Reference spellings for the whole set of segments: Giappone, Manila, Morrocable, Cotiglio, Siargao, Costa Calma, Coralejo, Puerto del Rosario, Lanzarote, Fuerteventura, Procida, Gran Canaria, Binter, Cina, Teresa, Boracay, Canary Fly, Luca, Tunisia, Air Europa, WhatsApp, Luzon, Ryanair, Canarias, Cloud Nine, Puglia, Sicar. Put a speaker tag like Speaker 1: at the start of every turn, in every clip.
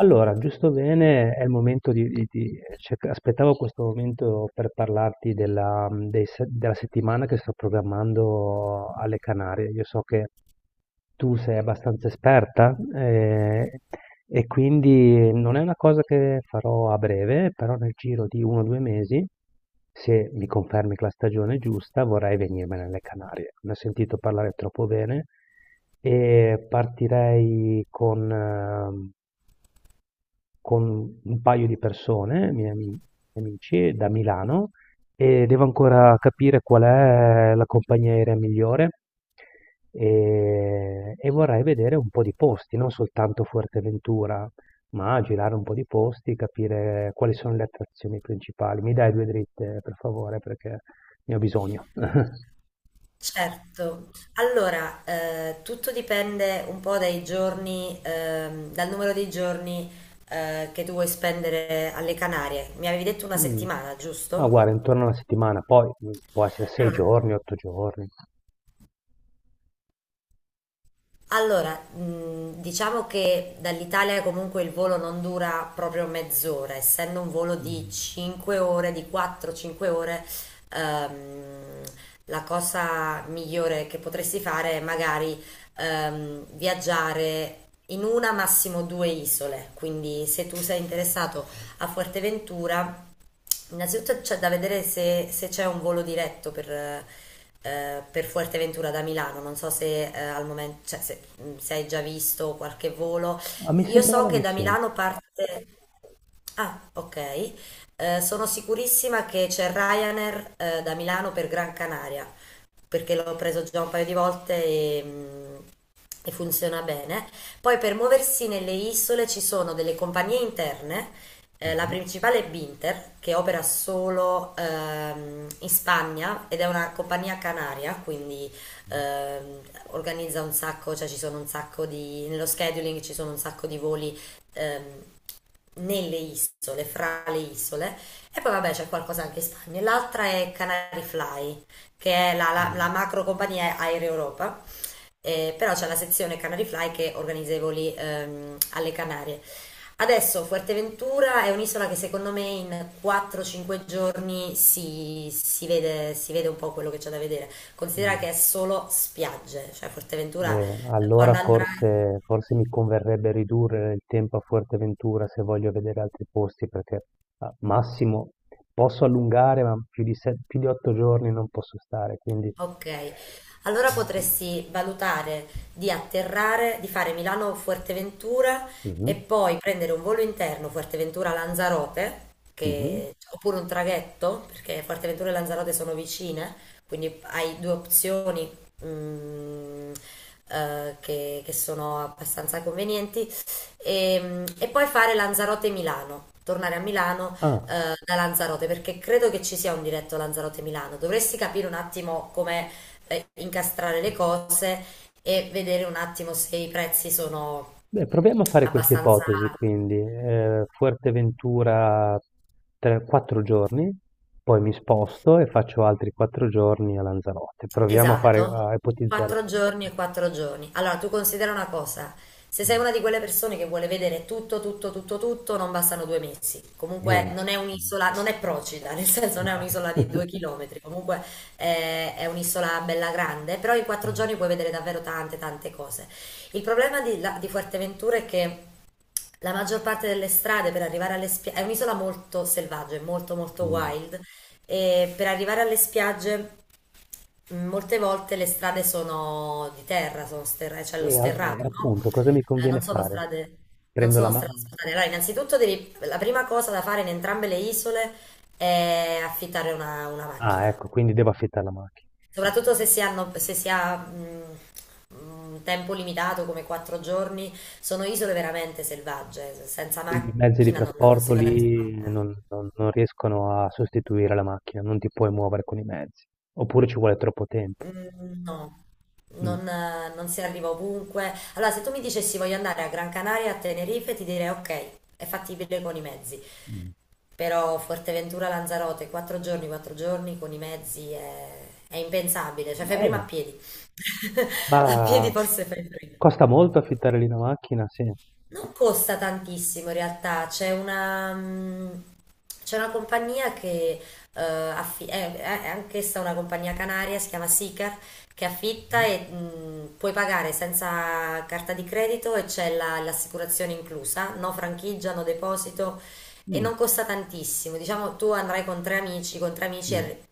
Speaker 1: Allora, giusto bene, è il momento di aspettavo questo momento per parlarti della, mm, dei se- della settimana che sto programmando alle Canarie. Io so che tu sei abbastanza esperta, e quindi non è una cosa che farò a breve, però nel giro di uno o due mesi, se mi confermi che la stagione è giusta, vorrei venirmene alle Canarie. Ne ho sentito parlare troppo bene e partirei con con un paio di persone, miei amici da Milano, e devo ancora capire qual è la compagnia aerea migliore e vorrei vedere un po' di posti, non soltanto Fuerteventura, ma girare un po' di posti, capire quali sono le attrazioni principali. Mi dai due dritte, per favore, perché ne ho bisogno.
Speaker 2: Certo, allora tutto dipende un po' dai giorni, dal numero di giorni che tu vuoi spendere alle Canarie. Mi avevi detto una
Speaker 1: Mm.
Speaker 2: settimana,
Speaker 1: Ah,
Speaker 2: giusto?
Speaker 1: guarda, intorno a una settimana, poi può essere sei
Speaker 2: Allora,
Speaker 1: giorni, otto giorni.
Speaker 2: Allora, diciamo che dall'Italia comunque il volo non dura proprio mezz'ora, essendo un volo di
Speaker 1: Mm.
Speaker 2: 5 ore, di 4-5 ore, ehm, la cosa migliore che potresti fare è magari viaggiare in una, massimo due isole. Quindi se tu sei interessato a Fuerteventura, innanzitutto c'è da vedere se c'è un volo diretto per Fuerteventura da Milano, non so se al momento, cioè, se hai già visto qualche volo.
Speaker 1: Ah, mi
Speaker 2: Io so
Speaker 1: sembrava
Speaker 2: che
Speaker 1: di
Speaker 2: da
Speaker 1: sì.
Speaker 2: Milano parte. Ah, ok. Sono sicurissima che c'è Ryanair da Milano per Gran Canaria, perché l'ho preso già un paio di volte e funziona bene. Poi per muoversi nelle isole ci sono delle compagnie interne, la
Speaker 1: Mm.
Speaker 2: principale è Binter, che opera solo in Spagna ed è una compagnia canaria, quindi
Speaker 1: Mm,
Speaker 2: ehm, organizza un sacco, cioè ci sono un sacco di, nello scheduling ci sono un sacco di voli ehm, nelle isole, fra le isole, e poi vabbè c'è qualcosa anche in Spagna. L'altra è Canary Fly, che è la
Speaker 1: mm.
Speaker 2: macro compagnia Air Europa. Però c'è la sezione Canary Fly che organizza i voli alle Canarie. Adesso Fuerteventura è un'isola che secondo me in 4-5 giorni si vede un po' quello che c'è da vedere. Considera
Speaker 1: Mm.
Speaker 2: che è solo spiagge, cioè Fuerteventura,
Speaker 1: Allora
Speaker 2: quando andrai.
Speaker 1: forse mi converrebbe ridurre il tempo a Fuerteventura se voglio vedere altri posti, perché a massimo posso allungare, ma più di otto giorni non posso stare, quindi...
Speaker 2: Ok, allora potresti valutare di atterrare, di fare Milano-Fuerteventura e
Speaker 1: Mhm,
Speaker 2: poi prendere un volo interno Fuerteventura-Lanzarote,
Speaker 1: mhm.
Speaker 2: oppure un traghetto, perché Fuerteventura e Lanzarote sono vicine, quindi hai due opzioni, mm, che sono abbastanza convenienti, e poi fare Lanzarote-Milano, tornare a Milano,
Speaker 1: Ah,
Speaker 2: da Lanzarote, perché credo che ci sia un diretto Lanzarote-Milano. Dovresti capire un attimo come incastrare le cose e vedere un attimo se i prezzi sono
Speaker 1: beh, proviamo a fare questa
Speaker 2: abbastanza.
Speaker 1: ipotesi, quindi Fuerteventura quattro giorni, poi mi sposto e faccio altri quattro giorni a Lanzarote. Proviamo a fare,
Speaker 2: Esatto,
Speaker 1: a ipotizzare
Speaker 2: quattro
Speaker 1: questo.
Speaker 2: giorni e quattro giorni. Allora, tu considera una cosa, se sei una di quelle persone che vuole vedere tutto, tutto, tutto, tutto, non bastano 2 mesi. Comunque
Speaker 1: Eh,
Speaker 2: non è
Speaker 1: mh,
Speaker 2: un'isola, non è Procida, nel senso non è
Speaker 1: no.
Speaker 2: un'isola di due chilometri, comunque, è un'isola bella grande, però in quattro
Speaker 1: Mh,
Speaker 2: giorni puoi vedere davvero tante, tante cose. Il problema di Fuerteventura è che la maggior parte delle strade per arrivare alle spiagge è un'isola molto selvaggia, è molto molto
Speaker 1: mh.
Speaker 2: wild, e per arrivare alle spiagge molte volte le strade sono di terra, c'è lo
Speaker 1: E
Speaker 2: sterrato, no?
Speaker 1: appunto cosa mi
Speaker 2: Eh,
Speaker 1: conviene
Speaker 2: non sono
Speaker 1: fare?
Speaker 2: strade, non
Speaker 1: Prendo la
Speaker 2: sono
Speaker 1: ma
Speaker 2: strade asfaltate. Allora, innanzitutto la prima cosa da fare in entrambe le isole è affittare una
Speaker 1: Ah,
Speaker 2: macchina.
Speaker 1: ecco, quindi devo affittare la macchina.
Speaker 2: Soprattutto se si hanno, se si ha, un tempo limitato come 4 giorni, sono isole veramente selvagge, senza
Speaker 1: Quindi i mezzi di
Speaker 2: macchina non si
Speaker 1: trasporto
Speaker 2: va da nessuna
Speaker 1: lì
Speaker 2: parte.
Speaker 1: non riescono a sostituire la macchina, non ti puoi muovere con i mezzi, oppure ci vuole troppo tempo.
Speaker 2: Mm, no,
Speaker 1: Mh,
Speaker 2: non si arriva ovunque. Allora, se tu mi dicessi voglio andare a Gran Canaria, a Tenerife, ti direi ok, è fattibile con i mezzi.
Speaker 1: mh.
Speaker 2: Però Fuerteventura, Lanzarote, 4 giorni, 4 giorni con i mezzi è impensabile, cioè fai prima
Speaker 1: Vabbè,
Speaker 2: a piedi. A
Speaker 1: ma
Speaker 2: piedi forse fai prima.
Speaker 1: costa molto affittare lì una macchina? Sì.
Speaker 2: Non costa tantissimo in realtà, c'è una compagnia che eh, affi- è, è anch'essa una compagnia canaria, si chiama Sicar, che affitta
Speaker 1: Mh-mh.
Speaker 2: e puoi pagare senza carta di credito e c'è l'assicurazione inclusa, no franchigia, no deposito, e
Speaker 1: Mh,
Speaker 2: non costa tantissimo. Diciamo tu andrai con tre amici,
Speaker 1: mh.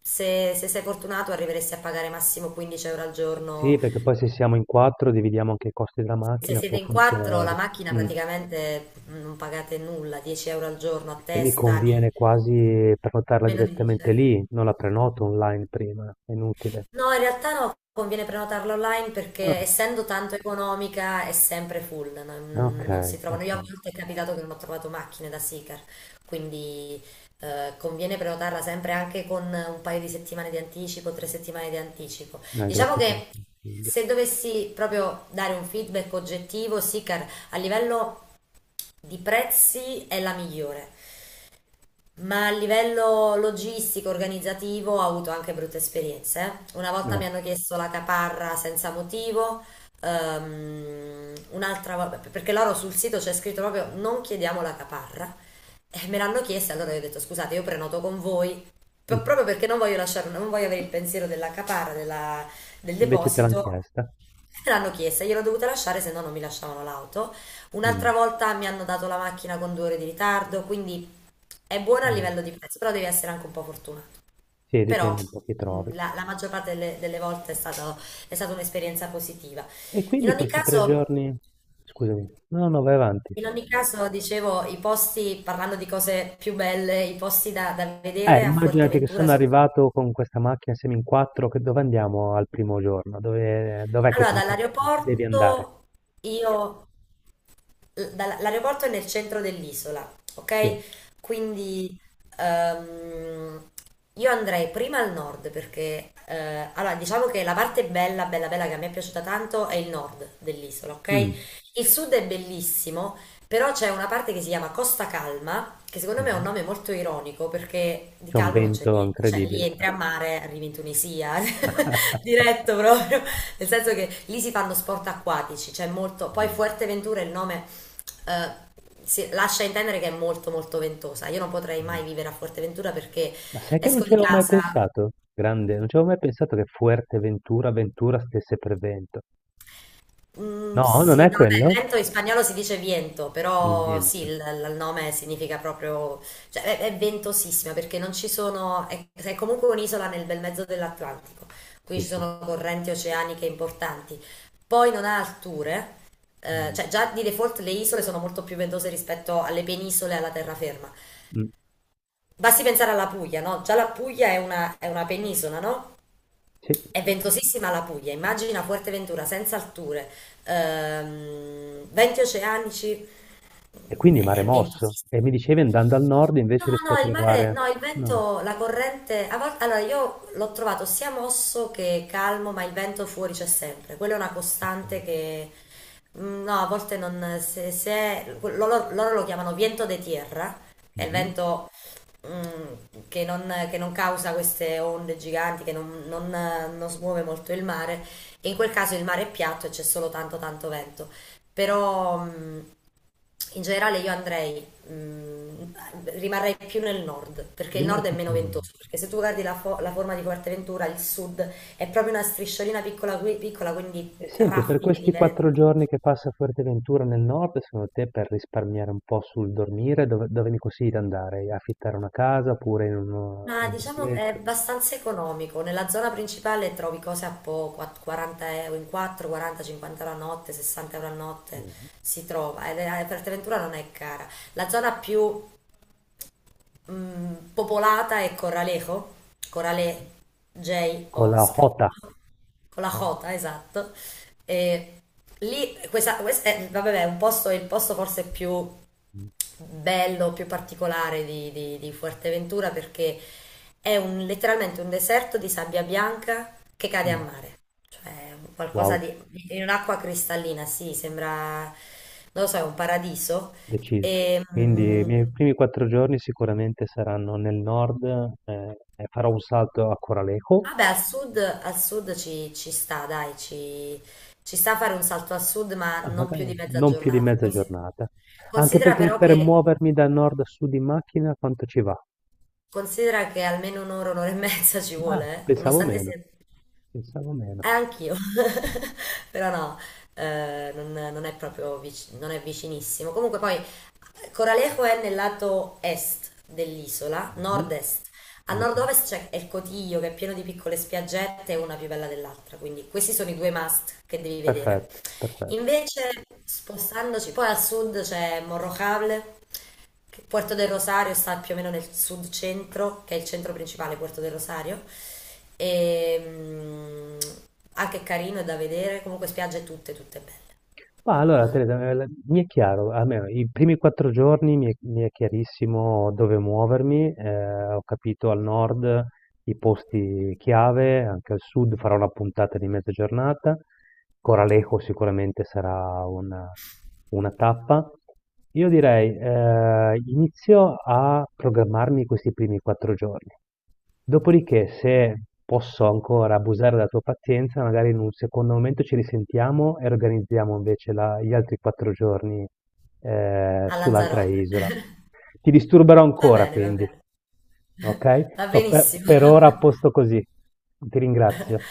Speaker 2: se sei fortunato arriveresti a pagare massimo 15 euro al
Speaker 1: Sì,
Speaker 2: giorno
Speaker 1: perché poi se siamo in quattro dividiamo anche i costi della
Speaker 2: se
Speaker 1: macchina,
Speaker 2: siete
Speaker 1: può
Speaker 2: in quattro, la
Speaker 1: funzionare.
Speaker 2: macchina
Speaker 1: Mm.
Speaker 2: praticamente, non pagate nulla, 10 euro al giorno a
Speaker 1: E mi
Speaker 2: testa,
Speaker 1: conviene quasi prenotarla
Speaker 2: meno di 10
Speaker 1: direttamente
Speaker 2: euro.
Speaker 1: lì, non la prenoto online prima, è inutile.
Speaker 2: No, in realtà no, conviene prenotarla online perché
Speaker 1: Ah,
Speaker 2: essendo tanto economica è sempre full, no,
Speaker 1: ok,
Speaker 2: non si trovano.
Speaker 1: ok.
Speaker 2: Io a volte è capitato che non ho trovato macchine da Sicar, quindi conviene prenotarla sempre anche con un paio di settimane di anticipo, 3 settimane di anticipo. Diciamo
Speaker 1: Grazie per il
Speaker 2: che
Speaker 1: consiglio.
Speaker 2: se dovessi proprio dare un feedback oggettivo, Sicar a livello di prezzi è la migliore. Ma a livello logistico, organizzativo, ho avuto anche brutte esperienze. Una volta
Speaker 1: Eh,
Speaker 2: mi hanno chiesto la caparra senza motivo, un'altra volta, perché loro sul sito c'è scritto proprio non chiediamo la caparra. E me l'hanno chiesta, allora io ho detto scusate, io prenoto con voi,
Speaker 1: mm.
Speaker 2: proprio perché non voglio lasciare, non voglio avere il pensiero della caparra, del
Speaker 1: Invece te l'hanno
Speaker 2: deposito.
Speaker 1: chiesta?
Speaker 2: Me l'hanno chiesta, gliel'ho dovuta lasciare, se no non mi lasciavano l'auto. Un'altra
Speaker 1: Mm.
Speaker 2: volta mi hanno dato la macchina con 2 ore di ritardo, quindi è buona a
Speaker 1: Eh,
Speaker 2: livello di prezzo, però devi essere anche un po' fortunato.
Speaker 1: sì,
Speaker 2: Però
Speaker 1: dipende un po' chi trovi.
Speaker 2: la maggior parte delle volte è stata un'esperienza positiva.
Speaker 1: E
Speaker 2: In
Speaker 1: quindi
Speaker 2: ogni
Speaker 1: questi tre
Speaker 2: caso,
Speaker 1: giorni... Scusami, no, no, vai avanti.
Speaker 2: in ogni caso, dicevo, i posti, parlando di cose più belle, i posti da vedere a
Speaker 1: Immaginati che
Speaker 2: Fuerteventura.
Speaker 1: sono arrivato con questa macchina, siamo in quattro, che dove andiamo al primo giorno? Dov'è che
Speaker 2: Allora,
Speaker 1: proprio devi andare?
Speaker 2: dall'aeroporto, io l'aeroporto è nel centro dell'isola,
Speaker 1: Sì.
Speaker 2: ok? Quindi ehm, io andrei prima al nord perché, allora, diciamo che la parte bella, bella, bella che a me è piaciuta tanto è il nord dell'isola, ok?
Speaker 1: Mm.
Speaker 2: Il sud è bellissimo, però c'è una parte che si chiama Costa Calma, che secondo me è un
Speaker 1: Mhm.
Speaker 2: nome molto ironico perché di
Speaker 1: C'è un
Speaker 2: calmo non c'è
Speaker 1: vento
Speaker 2: niente, cioè lì
Speaker 1: incredibile.
Speaker 2: entri a mare, arrivi in Tunisia. Diretto proprio, nel senso che lì si fanno sport acquatici, c'è molto, poi
Speaker 1: Mm,
Speaker 2: Fuerteventura è il nome, eh, lascia intendere che è molto molto ventosa. Io non potrei
Speaker 1: mm.
Speaker 2: mai vivere a Fuerteventura perché
Speaker 1: Ma sai che non
Speaker 2: esco
Speaker 1: ci
Speaker 2: di
Speaker 1: avevo mai
Speaker 2: casa.
Speaker 1: pensato? Grande, non ci avevo mai pensato che Fuerteventura, Ventura stesse per vento.
Speaker 2: Mm,
Speaker 1: No, non
Speaker 2: sì,
Speaker 1: è
Speaker 2: no, vabbè,
Speaker 1: quello?
Speaker 2: vento in spagnolo si dice viento,
Speaker 1: Il
Speaker 2: però sì,
Speaker 1: vento.
Speaker 2: il nome significa proprio, cioè è ventosissima perché non ci sono, è comunque un'isola nel bel mezzo dell'Atlantico,
Speaker 1: Sì,
Speaker 2: quindi ci
Speaker 1: sì.
Speaker 2: sono correnti oceaniche importanti. Poi non ha alture,
Speaker 1: Mm,
Speaker 2: cioè già di default le isole sono molto più ventose rispetto alle penisole e alla terraferma.
Speaker 1: mm,
Speaker 2: Basti pensare alla Puglia, no? Già la Puglia è una penisola, no?
Speaker 1: sì.
Speaker 2: È ventosissima la Puglia, immagina Fuerteventura senza alture, venti oceanici,
Speaker 1: E quindi mare
Speaker 2: è
Speaker 1: mosso.
Speaker 2: ventosissima.
Speaker 1: E mi dicevi, andando al nord
Speaker 2: No,
Speaker 1: invece riesco a
Speaker 2: no, il mare,
Speaker 1: trovare...
Speaker 2: no, il
Speaker 1: No.
Speaker 2: vento, la corrente, a volte, allora io l'ho trovato sia mosso che calmo, ma il vento fuori c'è sempre, quella è una
Speaker 1: Ci sta.
Speaker 2: costante che, no, a volte non, loro lo chiamano viento de tierra, è il
Speaker 1: Mh-mh.
Speaker 2: vento, che non causa queste onde giganti, che non smuove molto il mare, e in quel caso il mare è piatto e c'è solo tanto tanto vento, però. In generale io andrei, mh, rimarrei più nel nord, perché il nord è
Speaker 1: Rimasi
Speaker 2: meno
Speaker 1: fermo.
Speaker 2: ventoso, perché se tu guardi la forma di Fuerteventura, il sud è proprio una strisciolina piccola, piccola quindi
Speaker 1: E senti, per
Speaker 2: raffiche di
Speaker 1: questi 4
Speaker 2: vento.
Speaker 1: giorni che passa a Fuerteventura nel nord, secondo te per risparmiare un po' sul dormire, dove mi consigli di andare? Affittare una casa oppure in un
Speaker 2: Ma diciamo è
Speaker 1: alberghetto?
Speaker 2: abbastanza economico, nella zona principale trovi cose a poco, a 40 euro in 4, 40, 50 euro a notte, 60 euro a notte
Speaker 1: Bene.
Speaker 2: si trova, e Fuerteventura non è cara. La zona più popolata è Coralejo,
Speaker 1: Mh-mh.
Speaker 2: Corale J
Speaker 1: Con
Speaker 2: ho
Speaker 1: la
Speaker 2: scritto.
Speaker 1: Jota.
Speaker 2: Con la Jota, esatto. E lì, questa è, vabbè, è un posto, è il posto forse più
Speaker 1: Mh.
Speaker 2: bello, più particolare di Fuerteventura perché è letteralmente un deserto di sabbia bianca che cade a
Speaker 1: Mh.
Speaker 2: mare, cioè un qualcosa
Speaker 1: Wow,
Speaker 2: di, in un'acqua cristallina, sì, sembra, non lo so, è un paradiso.
Speaker 1: deciso.
Speaker 2: E,
Speaker 1: Quindi i
Speaker 2: mm,
Speaker 1: miei primi 4 giorni sicuramente saranno nel nord, e farò un salto a Coralejo,
Speaker 2: Vabbè, al sud ci sta, dai, ci sta fare un salto al sud, ma
Speaker 1: ma
Speaker 2: non più di
Speaker 1: magari
Speaker 2: mezza
Speaker 1: non più di
Speaker 2: giornata.
Speaker 1: mezza giornata. Anche
Speaker 2: Considera,
Speaker 1: perché
Speaker 2: però
Speaker 1: per
Speaker 2: che,
Speaker 1: muovermi da nord a sud in macchina quanto ci va?
Speaker 2: considera che almeno un'ora, un'ora e mezza ci
Speaker 1: Ah,
Speaker 2: vuole, eh? Nonostante sia. Eh,
Speaker 1: pensavo meno.
Speaker 2: anch'io, però no, non è vicinissimo. Comunque poi Coralejo è nel lato est dell'isola,
Speaker 1: Mhm,
Speaker 2: nord-est. A
Speaker 1: vabbè,
Speaker 2: nord-ovest c'è il Cotiglio che è pieno di piccole spiaggette, una più bella dell'altra, quindi questi sono i due must che devi vedere.
Speaker 1: perfetto, perfetto.
Speaker 2: Invece, spostandoci poi al sud c'è Morrocable, Puerto del Rosario sta più o meno nel sud centro, che è il centro principale, Puerto del Rosario. E, mm, anche carino, è da vedere, comunque spiagge tutte, tutte belle.
Speaker 1: Ma allora,
Speaker 2: Non-
Speaker 1: Teresa, mi è chiaro, almeno i primi quattro giorni mi è chiarissimo dove muovermi, ho capito al nord i posti chiave, anche al sud farò una puntata di mezza giornata, Coralejo sicuramente sarà una tappa. Io direi, inizio a programmarmi questi primi quattro giorni. Dopodiché se posso ancora abusare della tua pazienza, magari in un secondo momento ci risentiamo e organizziamo invece gli altri quattro giorni
Speaker 2: A
Speaker 1: sull'altra
Speaker 2: Lanzarote.
Speaker 1: isola. Ti disturberò
Speaker 2: Va
Speaker 1: ancora
Speaker 2: bene, va
Speaker 1: quindi,
Speaker 2: bene.
Speaker 1: ok?
Speaker 2: Va
Speaker 1: So, per
Speaker 2: benissimo.
Speaker 1: per ora a posto così. Ti ringrazio.